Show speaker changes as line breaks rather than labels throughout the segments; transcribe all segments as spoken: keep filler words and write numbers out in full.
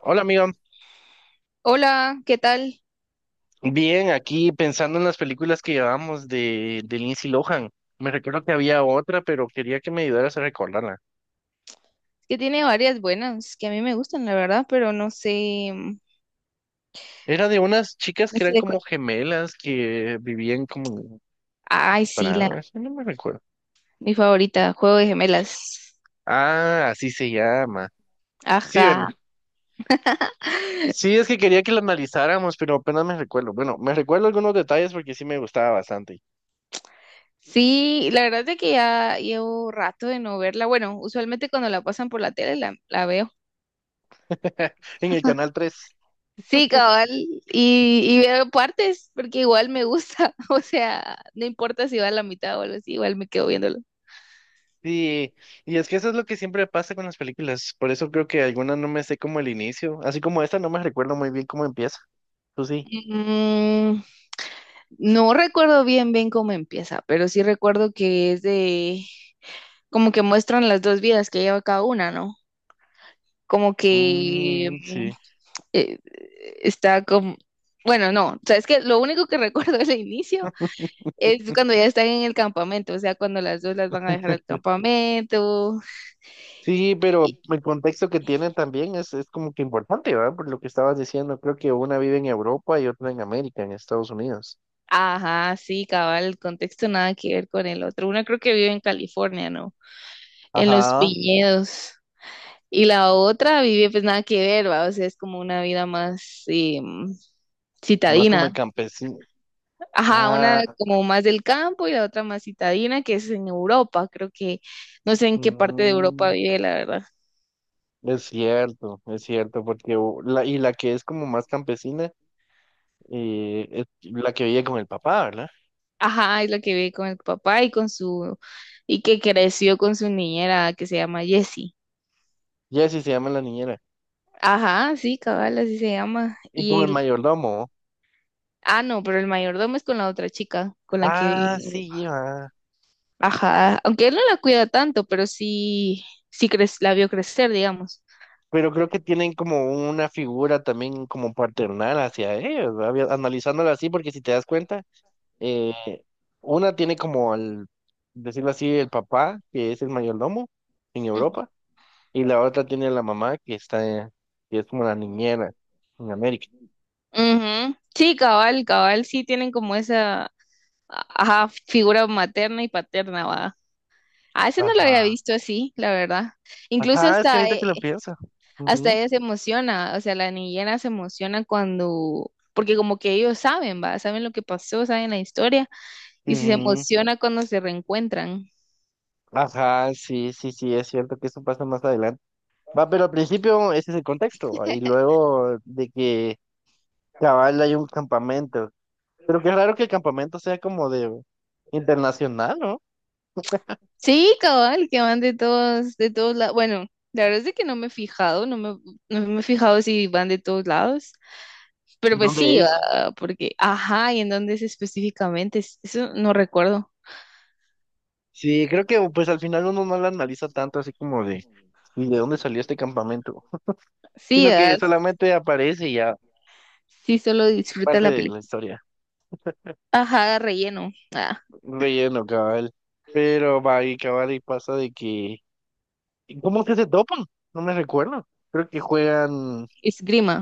Hola, amigo.
Hola, ¿qué tal?
Bien, aquí pensando en las películas que llevamos de, de Lindsay Lohan. Me recuerdo que había otra, pero quería que me ayudaras a recordarla.
Que tiene varias buenas que a mí me gustan, la verdad, pero no sé, mm,
Era de unas chicas
no
que
sé
eran
de cuál.
como gemelas que vivían como.
Ay, sí, la
Para, eso no me recuerdo.
mi favorita, Juego de Gemelas.
Ah, así se llama. Sí,
Ajá.
¿verdad? Sí, es que quería que la analizáramos, pero apenas me recuerdo. Bueno, me recuerdo algunos detalles porque sí me gustaba bastante.
Sí, la verdad es de que ya llevo rato de no verla. Bueno, usualmente cuando la pasan por la tele la, la veo.
En el canal tres.
Sí, cabal, y, y veo partes porque igual me gusta, o sea, no importa si va a la mitad o algo así, igual me quedo viéndolo.
Sí, y es que eso es lo que siempre pasa con las películas. Por eso creo que algunas no me sé como el inicio. Así como esta, no me recuerdo muy bien cómo empieza. Tú sí.
Mm, no recuerdo bien bien cómo empieza, pero sí recuerdo que es de como que muestran las dos vidas que lleva cada una, ¿no? Como que
Mm,
mm,
sí.
eh, está como, bueno, no, o sea, es que lo único que recuerdo del inicio es cuando ya están en el campamento, o sea, cuando las dos las van a dejar al campamento.
Sí, pero
Y,
el contexto que tienen también es, es como que importante, ¿verdad? Por lo que estabas diciendo, creo que una vive en Europa y otra en América, en Estados Unidos.
ajá, sí, cabal, el contexto nada que ver con el otro. Una creo que vive en California, ¿no? En los
Ajá,
viñedos. Y la otra vive pues nada que ver, ¿va? O sea, es como una vida más eh, mm,
más como el
citadina.
campesino.
Ajá, una
Ah,
como más del campo y la otra más citadina, que es en Europa, creo que no sé en qué parte de Europa
mm,
vive, la verdad.
es cierto, es cierto, porque u- la, y la que es como más campesina eh, es la que vive con el papá, ¿verdad?
Ajá, es la que vive con el papá y con su, y que creció con su niñera que se llama Jessie.
Jessie se llama la niñera.
Ajá, sí, cabal, así se llama.
Y con
Y
el
él,
mayordomo.
ah, no, pero el mayordomo es con la otra chica, con la que vive
Ah,
en
sí,
Europa.
lleva.
Ajá, aunque él no la cuida tanto, pero sí, sí cre- la vio crecer, digamos.
Pero creo que tienen como una figura también como paternal hacia ellos, ¿verdad? Había- Analizándola así, porque si te das cuenta, eh, una tiene como al, decirlo así, el papá, que es el mayordomo en
Ujú.
Europa, y la otra tiene la mamá, que está, que es como la niñera en América.
Ujú. Sí, cabal, cabal, sí tienen como esa, ajá, figura materna y paterna, va. Ah, ese no lo había
Ajá.
visto así, la verdad. Incluso
Ajá, es que
hasta,
ahorita
e-
que lo pienso.
hasta
Ujú.
ella se emociona, o sea, la niñera se emociona cuando, porque como que ellos saben, va, saben lo que pasó, saben la historia, y se
Ujú.
emociona cuando se reencuentran.
Ajá, sí, sí, sí, es cierto que eso pasa más adelante. Va, pero al principio ese es el contexto, y luego de que cabal hay un campamento. Pero qué raro que el campamento sea como de internacional, ¿no?
Sí, cabal, que van de todos, de todos lados. Bueno, la verdad es que no me he fijado, no me, no me he fijado si van de todos lados, pero
¿Y
pues
dónde
sí,
es?
va, porque, ajá, ¿y en dónde es específicamente? Es- Eso no recuerdo.
Sí, creo que pues al final uno no lo analiza tanto así como de, ¿y de dónde salió este campamento?
Sí,
Sino que
¿verdad?
solamente aparece y ya
Sí, solo
es
disfruta
parte
la
de la
película.
historia.
Ajá, relleno. Ah,
Un Relleno, cabal. Pero va y cabal y pasa de que. ¿Cómo es que se topan? No me recuerdo. Creo que juegan.
esgrima.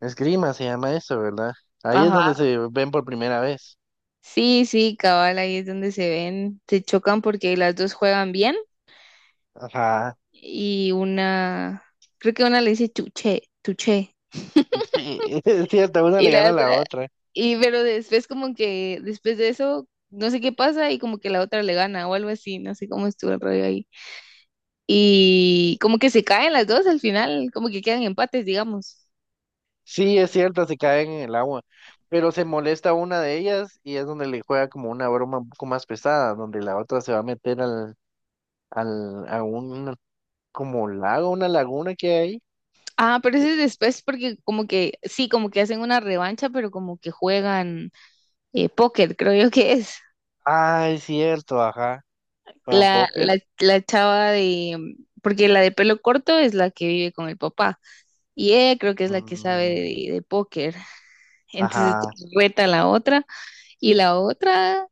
Esgrima se llama eso, ¿verdad? Ahí es
Ajá.
donde se ven por primera vez.
Sí, sí, cabal, ahí es donde se ven, se chocan porque las dos juegan bien
Ajá.
y una, creo que una le dice tuche, tuche.
Sí, es cierto, una
Y
le gana
la
a la
otra,
otra.
y pero después como que, después de eso, no sé qué pasa y como que la otra le gana o algo así, no sé cómo estuvo el rollo ahí. Y como que se caen las dos al final, como que quedan empates, digamos.
Sí, es cierto, se caen en el agua. Pero se molesta una de ellas y es donde le juega como una broma un poco más pesada, donde la otra se va a meter al, al, a un como lago, una laguna que hay.
Ah, pero
Y-
ese es después porque como que, sí, como que hacen una revancha, pero como que juegan eh, póker, creo yo que es.
Ah, es cierto, ajá. Juegan
La,
póker.
la, la chava de, mm, porque la de pelo corto es la que vive con el papá. Y ella creo que es la que sabe
Mm,
de, de póker. Entonces
ajá.
reta a la otra. Y la otra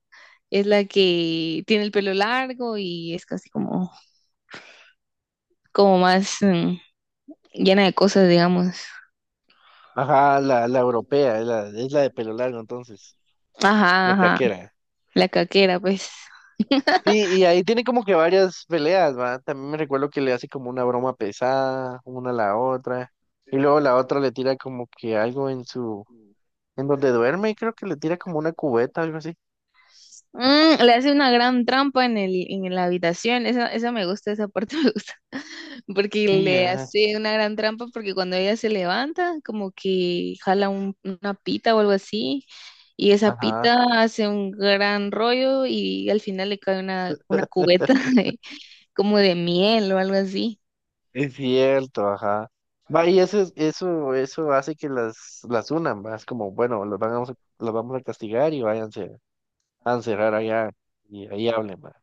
es la que tiene el pelo largo y es casi como, como más mm, llena de cosas, digamos.
Ajá, la, la europea, es la, es la de pelo largo entonces,
Ajá,
la
ajá.
caquera.
La caquera, pues.
Sí, y ahí tiene como que varias peleas, ¿va? También me recuerdo que le hace como una broma pesada, una a la otra, y luego la otra le tira como que algo en su, en donde duerme, creo que le tira como una cubeta, algo así.
Mm, le hace una gran trampa en el, en la habitación. Esa, esa me gusta, esa parte me gusta. Porque
Sí,
le
ajá,
hace una gran trampa porque cuando ella se levanta, como que jala un- una pita o algo así. Y esa
ajá,
pita hace un gran rollo y al final le cae una, una cubeta de- como de miel o algo así.
es cierto, ajá. Va, y eso, es- eso, eso hace que las, las unan, ¿va? Es como, bueno, los vamos a, los vamos a castigar y váyanse a encerrar allá, y ahí hablen, ¿va?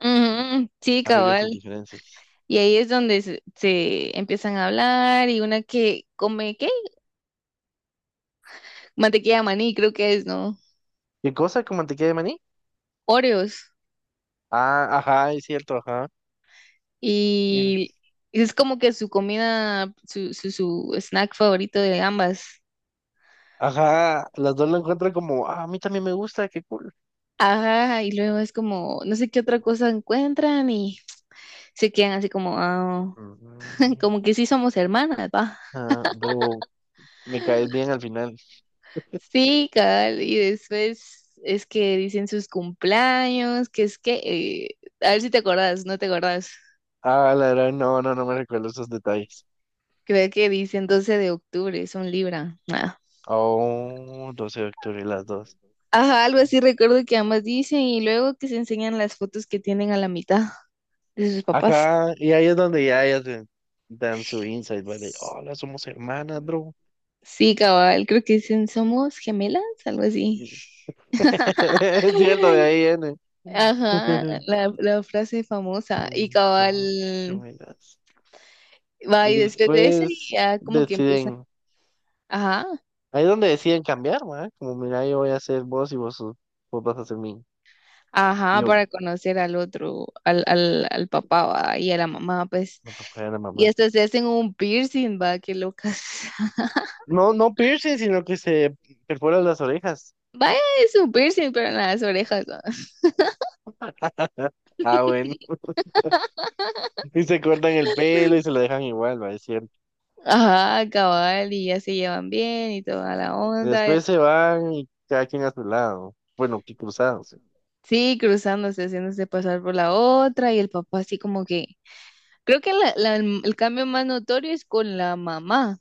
Ujú, sí,
Arreglen sus
cabal.
diferencias.
Y ahí es donde se, se empiezan a hablar y una que come, ¿qué? Mantequilla de maní, creo que es, ¿no?
¿Qué cosa? ¿Como mantequilla de maní?
Oreos.
Ah, ajá, es cierto, ajá.
Y es como que su comida, su, su, su snack favorito de ambas.
Ajá, las dos lo encuentran como, ah, a mí también me gusta, qué cool.
Ajá, y luego es como, no sé qué otra cosa encuentran y se quedan así como, "Ah",
Mm.
como que sí somos hermanas, va.
Ah, pero me caes bien al final.
Sí, cabal, y después es que dicen sus cumpleaños, que es que, eh, a ver si te acordás, no te acordás.
Ah, la verdad, no, no, no me recuerdo esos detalles.
Creo que dicen doce de octubre, son Libra. Ah.
Oh, doce de octubre, las dos.
Ajá, algo así recuerdo que ambas dicen y luego que se enseñan las fotos que tienen a la mitad de sus papás.
Ajá, y ahí es donde ya ellas se dan su insight, güey, de, hola, somos hermanas, bro.
Sí, cabal, creo que dicen somos gemelas, algo así.
Es cierto, de ahí viene.
Ajá, la, la frase famosa. Y
Somos
cabal,
gemelas.
va
Y
y después de ese
después
ya como que empiezan,
deciden.
ajá,
Ahí es donde deciden cambiar, ma, Como, mira, yo voy a ser vos y vos, sos- vos vas a ser mí. Y
ajá,
yo,
para conocer al otro, al, al, al papá va, y a la mamá, pues.
no te fuera
Y
mamá.
hasta se hacen un piercing, va, qué locas.
No, no piercing, sino que se perforan las orejas.
Vaya, es un piercing, pero en las orejas, va.
Ah, bueno. Y se cortan el pelo y se lo dejan igual, va, es cierto.
Ajá, cabal, y ya se llevan bien y toda la onda.
Después se van y cada quien a su lado. Bueno, que cruzados.
Sí, cruzándose, haciéndose pasar por la otra y el papá así como que... Creo que la- la- el el cambio más notorio es con la mamá,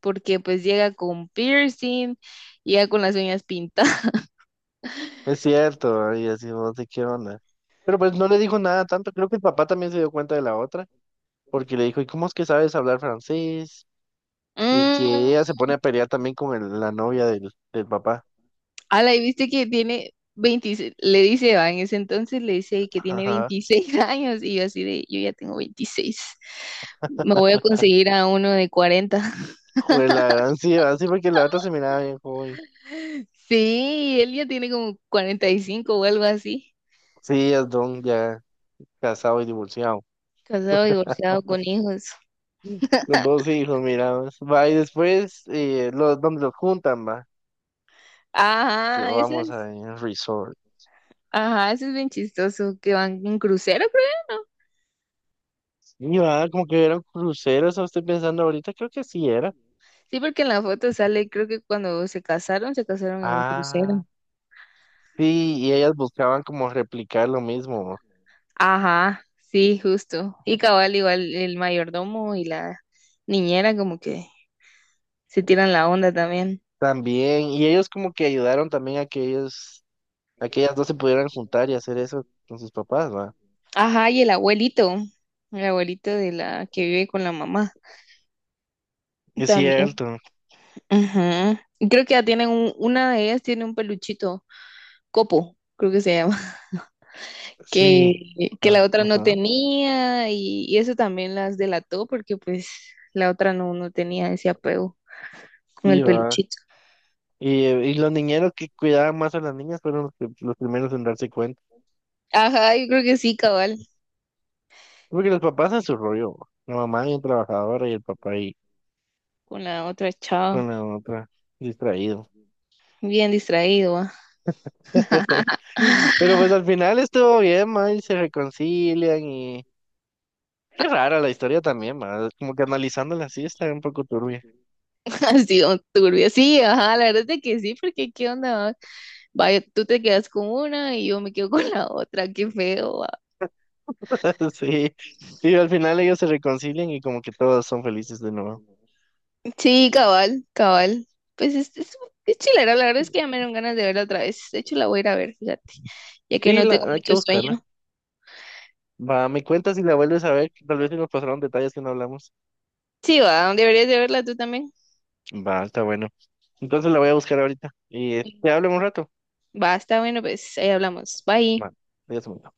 porque pues llega con piercing, llega con las uñas pintadas.
Es cierto, va, y así no sé qué onda. Pero pues no le dijo nada tanto. Creo que el papá también se dio cuenta de la otra, porque le dijo, ¿y cómo es que sabes hablar francés? Y que
Mm,
ella se pone a pelear también con el- la novia del, del papá.
ala, y viste que tiene veintiséis. Le dice, va, en ese entonces le dice que tiene veintiséis años y yo así de, yo ya tengo veintiséis, me voy a conseguir a uno de cuarenta.
Joder, la gran sí, ¿verdad? sí, porque la otra se miraba bien joven.
Sí, él ya tiene como cuarenta y cinco o algo así,
Sí, es don ya casado y divorciado.
casado, divorciado, con hijos.
Con dos hijos, mira. pues. Va, y después, eh, los, donde los juntan, va. Que
Ajá, eso
vamos a
es,
ir a resorts.
ajá, eso es bien chistoso, que van en crucero, creo, ¿no?
Y va, como que eran cruceros, ¿o estoy pensando ahorita, creo que sí era.
Sí, porque en la foto sale, creo que cuando se casaron, se casaron en un
Ah,
crucero.
sí, y ellas buscaban como replicar lo mismo. ¿no?
Ajá, sí, justo. Y cabal, igual el mayordomo y la niñera como que se tiran la onda también.
También, y ellos como que ayudaron también a que ellos, a que ellas dos se pudieran juntar y hacer eso con sus papás, va.
Ajá, y el abuelito, el abuelito de la que vive con la mamá
Es
también.
cierto.
Ajá. Y creo que ya tienen un- una de ellas tiene un peluchito, Copo, creo que se llama.
Sí,
que, que la
ajá,
otra no
ajá,
tenía y, y eso también las delató porque pues la otra no, no tenía ese apego con
sí,
el
va.
peluchito.
Y, eh, y los niñeros que cuidaban más a las niñas fueron los, que- los primeros en darse cuenta.
Ajá, yo creo que sí, cabal,
Porque los papás en su rollo, bo. la mamá bien trabajadora y el papá ahí
con la otra
con
chava,
la otra distraído.
bien distraído, va.
Pero pues al final estuvo bien, ma, y se reconcilian y. Qué rara la historia también, ma, como que analizándola así está un poco turbia.
Así, don turbio, sí, ajá, la verdad es de que sí, porque qué onda, va? Vaya, tú te quedas con una y yo me quedo con la otra, qué feo, va.
Sí, y al final ellos se reconcilian y como que todos son felices de nuevo.
Sí, cabal, cabal, pues es, es, es chilera, la verdad es que ya me dieron ganas de verla otra vez, de hecho la voy a ir a ver, fíjate, ya que
Sí,
no
la,
tengo
hay que
mucho
buscarla.
sueño.
Va, me cuentas y la vuelves a ver, que tal vez se nos pasaron detalles que no hablamos.
Sí, va, deberías de verla tú también.
Va, está bueno. Entonces la voy a buscar ahorita y eh, te hablo en un rato.
Va, está bueno, pues ahí hablamos. Bye.
Va, adiós. amor.